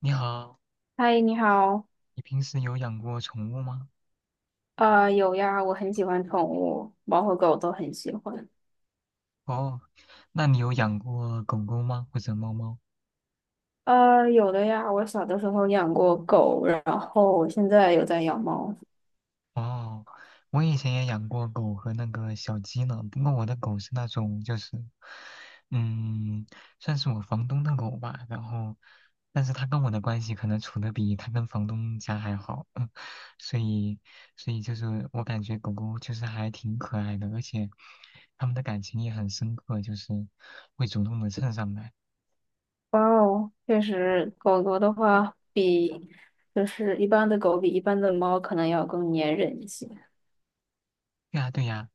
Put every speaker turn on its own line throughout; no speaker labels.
你好，
嗨，你好。
你平时有养过宠物吗？
啊，有呀，我很喜欢宠物，猫和狗都很喜欢。
哦，那你有养过狗狗吗？或者猫猫？
有的呀，我小的时候养过狗，然后我现在有在养猫。
哦，我以前也养过狗和那个小鸡呢，不过我的狗是那种就是，嗯，算是我房东的狗吧。然后，但是它跟我的关系可能处的比它跟房东家还好，所以，所以就是我感觉狗狗就是还挺可爱的，而且他们的感情也很深刻，就是会主动的蹭上来。
哇哦，确实，狗狗的话比就是一般的狗比一般的猫可能要更粘人一些。
对呀，对呀，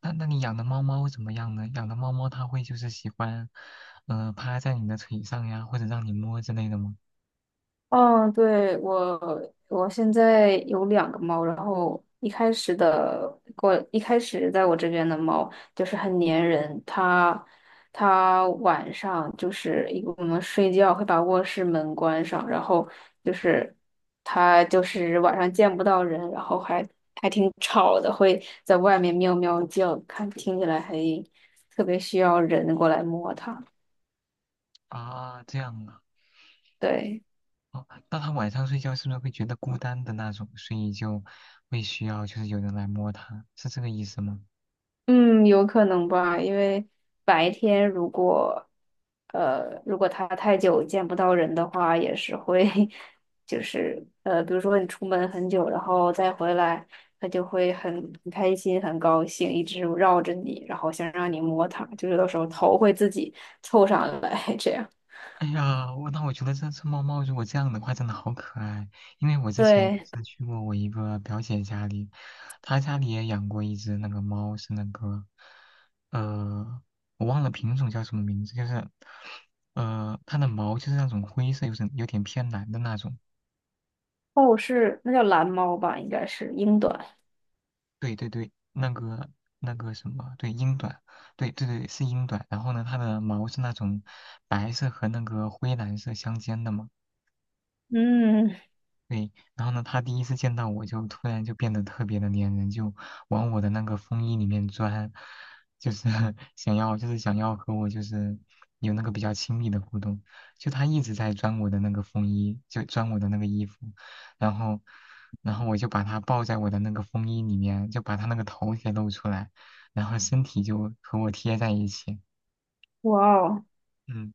那你养的猫猫怎么样呢？养的猫猫它会就是喜欢，趴在你的腿上呀，或者让你摸之类的吗？
嗯，对，我现在有2个猫，然后一开始在我这边的猫就是很粘人，它晚上就是我们睡觉会把卧室门关上，然后就是它就是晚上见不到人，然后还挺吵的，会在外面喵喵叫，听起来还特别需要人过来摸它，
啊，这样啊，
对。
哦，那它晚上睡觉是不是会觉得孤单的那种，所以就会需要就是有人来摸它，是这个意思吗？
嗯，有可能吧，因为白天，如果它太久见不到人的话，也是会，就是比如说你出门很久，然后再回来，它就会很开心、很高兴，一直绕着你，然后想让你摸它，就是有时候头会自己凑上来 这样。
哎呀，那我觉得这只猫猫如果这样的话，真的好可爱。因为我之前
对，
是去过我一个表姐家里，她家里也养过一只那个猫，是那个，呃，我忘了品种叫什么名字，就是，它的毛就是那种灰色，有点偏蓝的那种。
哦，是，那叫蓝猫吧，应该是英短。
对对对，那个什么，对，英短，对对对，是英短。然后呢，它的毛是那种白色和那个灰蓝色相间的嘛。
嗯，
对，然后呢，他第一次见到我就突然就变得特别的粘人，就往我的那个风衣里面钻，就是 想要和我就是有那个比较亲密的互动。就他一直在钻我的那个风衣，就钻我的那个衣服，然后然后我就把他抱在我的那个风衣里面，就把他那个头给露出来，然后身体就和我贴在一起。
哇哦，
嗯。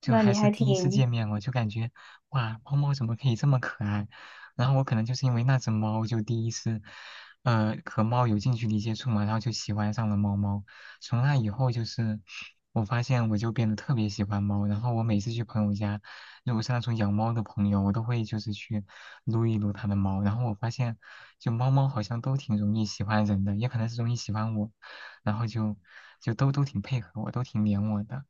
就
那
还
你
是
还
第一次
挺
见面，我就感觉哇，猫猫怎么可以这么可爱？然后我可能就是因为那只猫，就第一次，和猫有近距离接触嘛，然后就喜欢上了猫猫。从那以后，就是我发现我就变得特别喜欢猫。然后我每次去朋友家，如果是那种养猫的朋友，我都会就是去撸一撸它的猫。然后我发现，就猫猫好像都挺容易喜欢人的，也可能是容易喜欢我，然后就都挺配合我，都挺黏我的。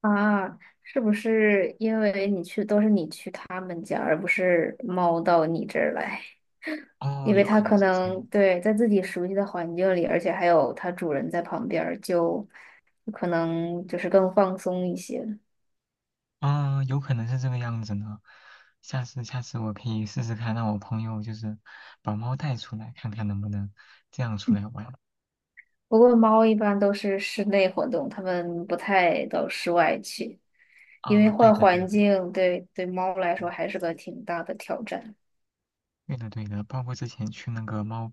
啊，是不是因为你去都是你去他们家，而不是猫到你这儿来？
哦，
因为
有
它
可能
可
是这
能
样。
对在自己熟悉的环境里，而且还有它主人在旁边儿，就可能就是更放松一些。
啊，有可能是这个样子呢。下次我可以试试看，让我朋友就是把猫带出来，看看能不能这样出来玩。
不过猫一般都是室内活动，它们不太到室外去，因为
啊，对
换
的对
环
的，
境对猫来说
嗯
还是个挺大的挑战。
对的对的，包括之前去那个猫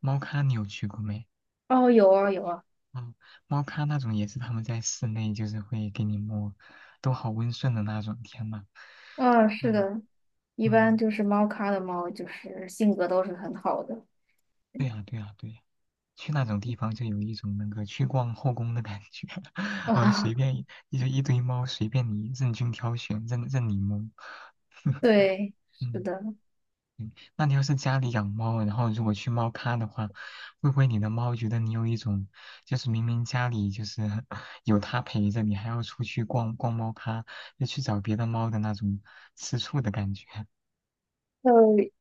猫咖，你有去过没？
哦，有啊有啊。
嗯，猫咖那种也是他们在室内就是会给你摸，都好温顺的那种，天呐。
嗯，
哎
是
呀，
的，一般
嗯，
就是猫咖的猫，就是性格都是很好的
对呀对呀对呀。去那种地方就有一种那个去逛后宫的感觉，
啊。
随便 就一堆猫，随便你任君挑选，任你摸。
对，是
嗯
的，
嗯，那你要是家里养猫，然后如果去猫咖的话，会不会你的猫觉得你有一种，就是明明家里就是 有它陪着你，还要出去逛逛猫咖，就去找别的猫的那种吃醋的感觉？
呃，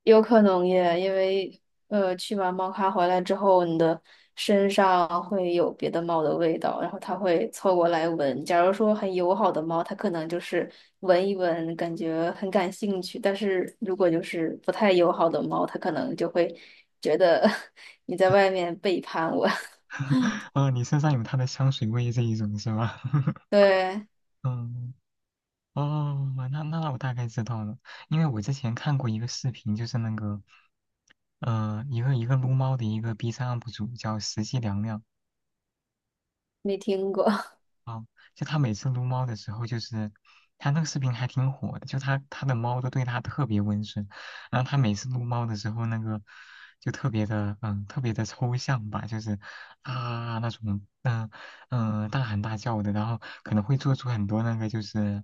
有可能耶，因为去完猫咖回来之后，你的身上会有别的猫的味道，然后它会凑过来闻。假如说很友好的猫，它可能就是闻一闻，感觉很感兴趣；但是如果就是不太友好的猫，它可能就会觉得 你在外面背叛我。
哦，你身上有它的香水味这一种是吧？
对，
嗯哦，那我大概知道了，因为我之前看过一个视频，就是那个，一个撸猫的一个 B 站 UP 主叫实际凉凉，
没听过。
啊，就他每次撸猫的时候，就是他那个视频还挺火的，就他的猫都对他特别温顺，然后他每次撸猫的时候，那个就特别的抽象吧，就是啊那种大喊大叫的，然后可能会做出很多那个就是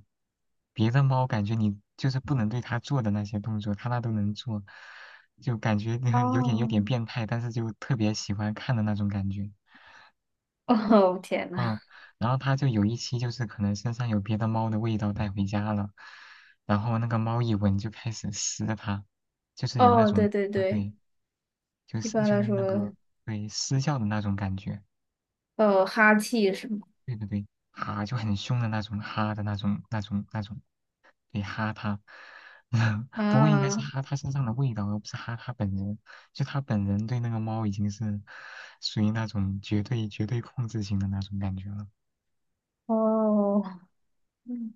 别的猫感觉你就是不能对它做的那些动作，它那都能做，就感觉 有点有
哦，
点变态，但是就特别喜欢看的那种感觉。
哦，天呐，
嗯，然后他就有一期就是可能身上有别的猫的味道带回家了，然后那个猫一闻就开始撕它，就是有那
哦，对
种
对
啊
对，
对，就
一
是
般
就
来
那
说，
个对撕叫的那种感觉，
哦哈气是吗？
对对对，哈就很凶的那种哈的那种，对哈它，不过应该是
啊，
哈它身上的味道，而不是哈它本人，就它本人对那个猫已经是属于那种绝对绝对控制型的那种感觉了，
哦，嗯，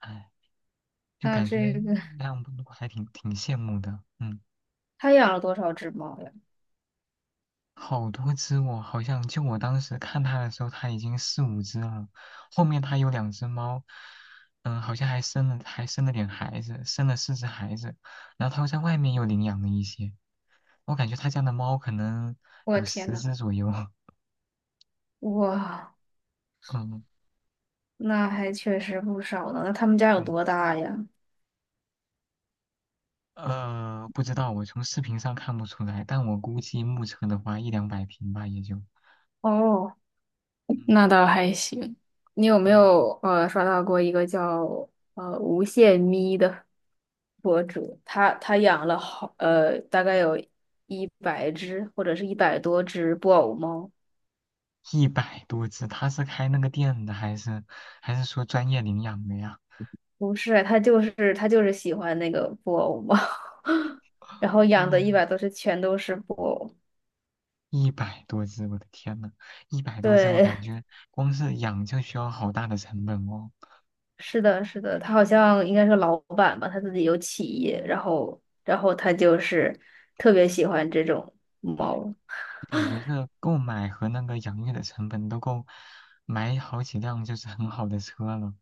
唉。就
那
感觉
这个
那样还挺羡慕的。嗯，
他养了多少只猫呀？
好多只哦，好像就我当时看它的时候，它已经四五只了。后面它有两只猫，嗯，好像还生了点孩子，生了四只孩子。然后它又在外面又领养了一些，我感觉它家的猫可能
我
有
天
十
呐，
只左右。
哇，
嗯，
那还确实不少呢。那他们家有
对
多大呀？
，不知道，我从视频上看不出来，但我估计目测的话，一两百平吧，也就。
哦。那
嗯
倒还行。你有没
嗯。
有刷到过一个叫无限咪的博主？他养了大概有100只或者是一百多只布偶猫。
一百多只，他是开那个店的，还是说专业领养的呀？
不是，他就是喜欢那个布偶猫，然后养的一
嗯，
百多只全都是布偶。
一百多只，我的天呐，一百多只，我
对，
感觉光是养就需要好大的成本哦，
是的，是的，他好像应该是老板吧，他自己有企业，然后他就是特别喜欢这种猫。
就感觉这购买和那个养育的成本都够买好几辆就是很好的车了。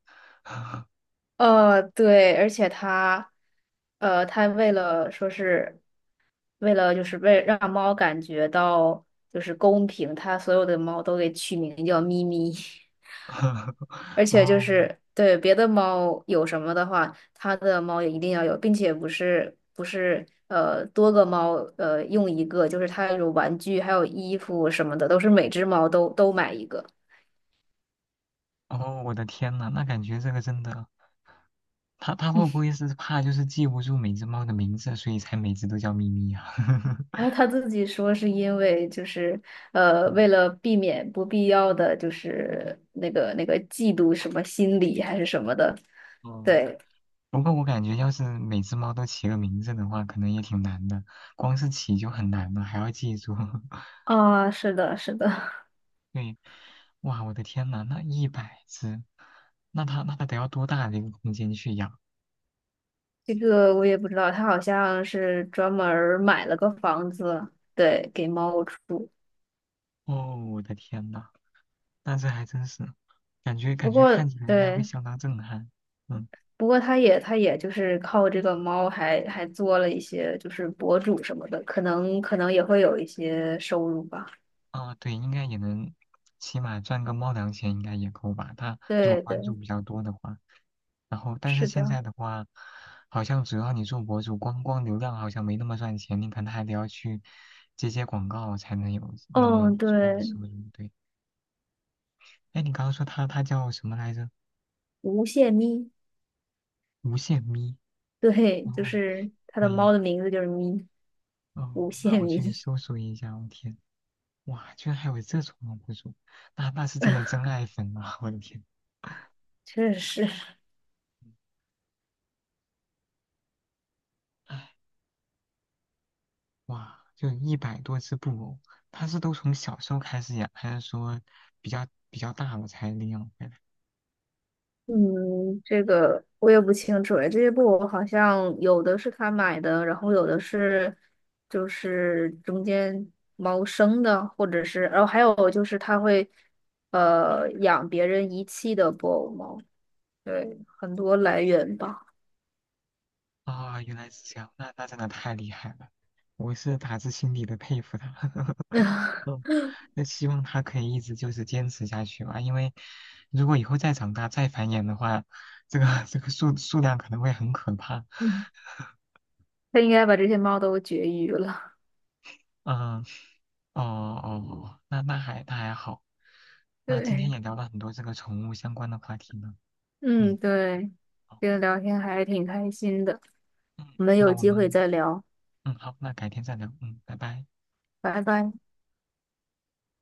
对，而且它为了说是为了就是为让猫感觉到就是公平，它所有的猫都给取名叫咪咪。而 且就
哦
是对别的猫有什么的话，它的猫也一定要有，并且不是多个猫用一个，就是它有玩具还有衣服什么的，都是每只猫都买一个。
哦，我的天呐，那感觉这个真的，他会不会是怕就是记不住每只猫的名字，所以才每只都叫咪咪呀？
然 后他自己说是因为就是
嗯
为了避免不必要的就是那个嫉妒什么心理还是什么的，
哦
对。
不过我感觉，要是每只猫都起个名字的话，可能也挺难的。光是起就很难了，还要记住。
啊，是的，是的，
对，哇，我的天呐，那一百只，那它得要多大的一个空间去养？
这个我也不知道，他好像是专门儿买了个房子，对，给猫住。
哦，我的天呐，那这还真是，感觉感
不
觉看
过
起来应该会
对，
相当震撼。嗯。
不过他也就是靠这个猫还做了一些就是博主什么的，可能也会有一些收入吧。
啊，对，应该也能，起码赚个猫粮钱应该也够吧。他如果
对对，
关注比较多的话，然后但是
是
现
的。
在的话，好像只要你做博主，光流量好像没那么赚钱，你可能还得要去接广告才能有那么
嗯，
足够的
对，
收入。对，哎，你刚刚说他叫什么来着？
无限咪，
无限咪。
对，就
哦，
是它
可
的
以，
猫的名字就是咪，
哦，
无
那
限
我去
咪，
搜索一下。我天，哇，居然还有这种博主，那是真的真爱粉啊！我的天。
确实。
哇，就一百多只布偶，它是都从小时候开始养，还是说比较大了才领养回来？
嗯，这个我也不清楚哎，这些布偶好像有的是他买的，然后有的是就是中间猫生的，或者是，然后还有就是他会养别人遗弃的布偶猫，对，很多来源吧。
啊、原来是这样，那真的太厉害了，我是打自心底的佩服他。嗯那希望他可以一直就是坚持下去吧，因为如果以后再长大再繁衍的话，这个 这个数量可能会很可怕。
嗯，他应该把这些猫都绝育了。
嗯，哦哦，那还好，那今天
对。
也聊了很多这个宠物相关的话题呢。嗯。
嗯，
好
对，这个聊天还挺开心的，
嗯，
我们
那
有
我
机会
们，
再聊，
嗯，好，那改天再聊，嗯，拜拜。
拜拜。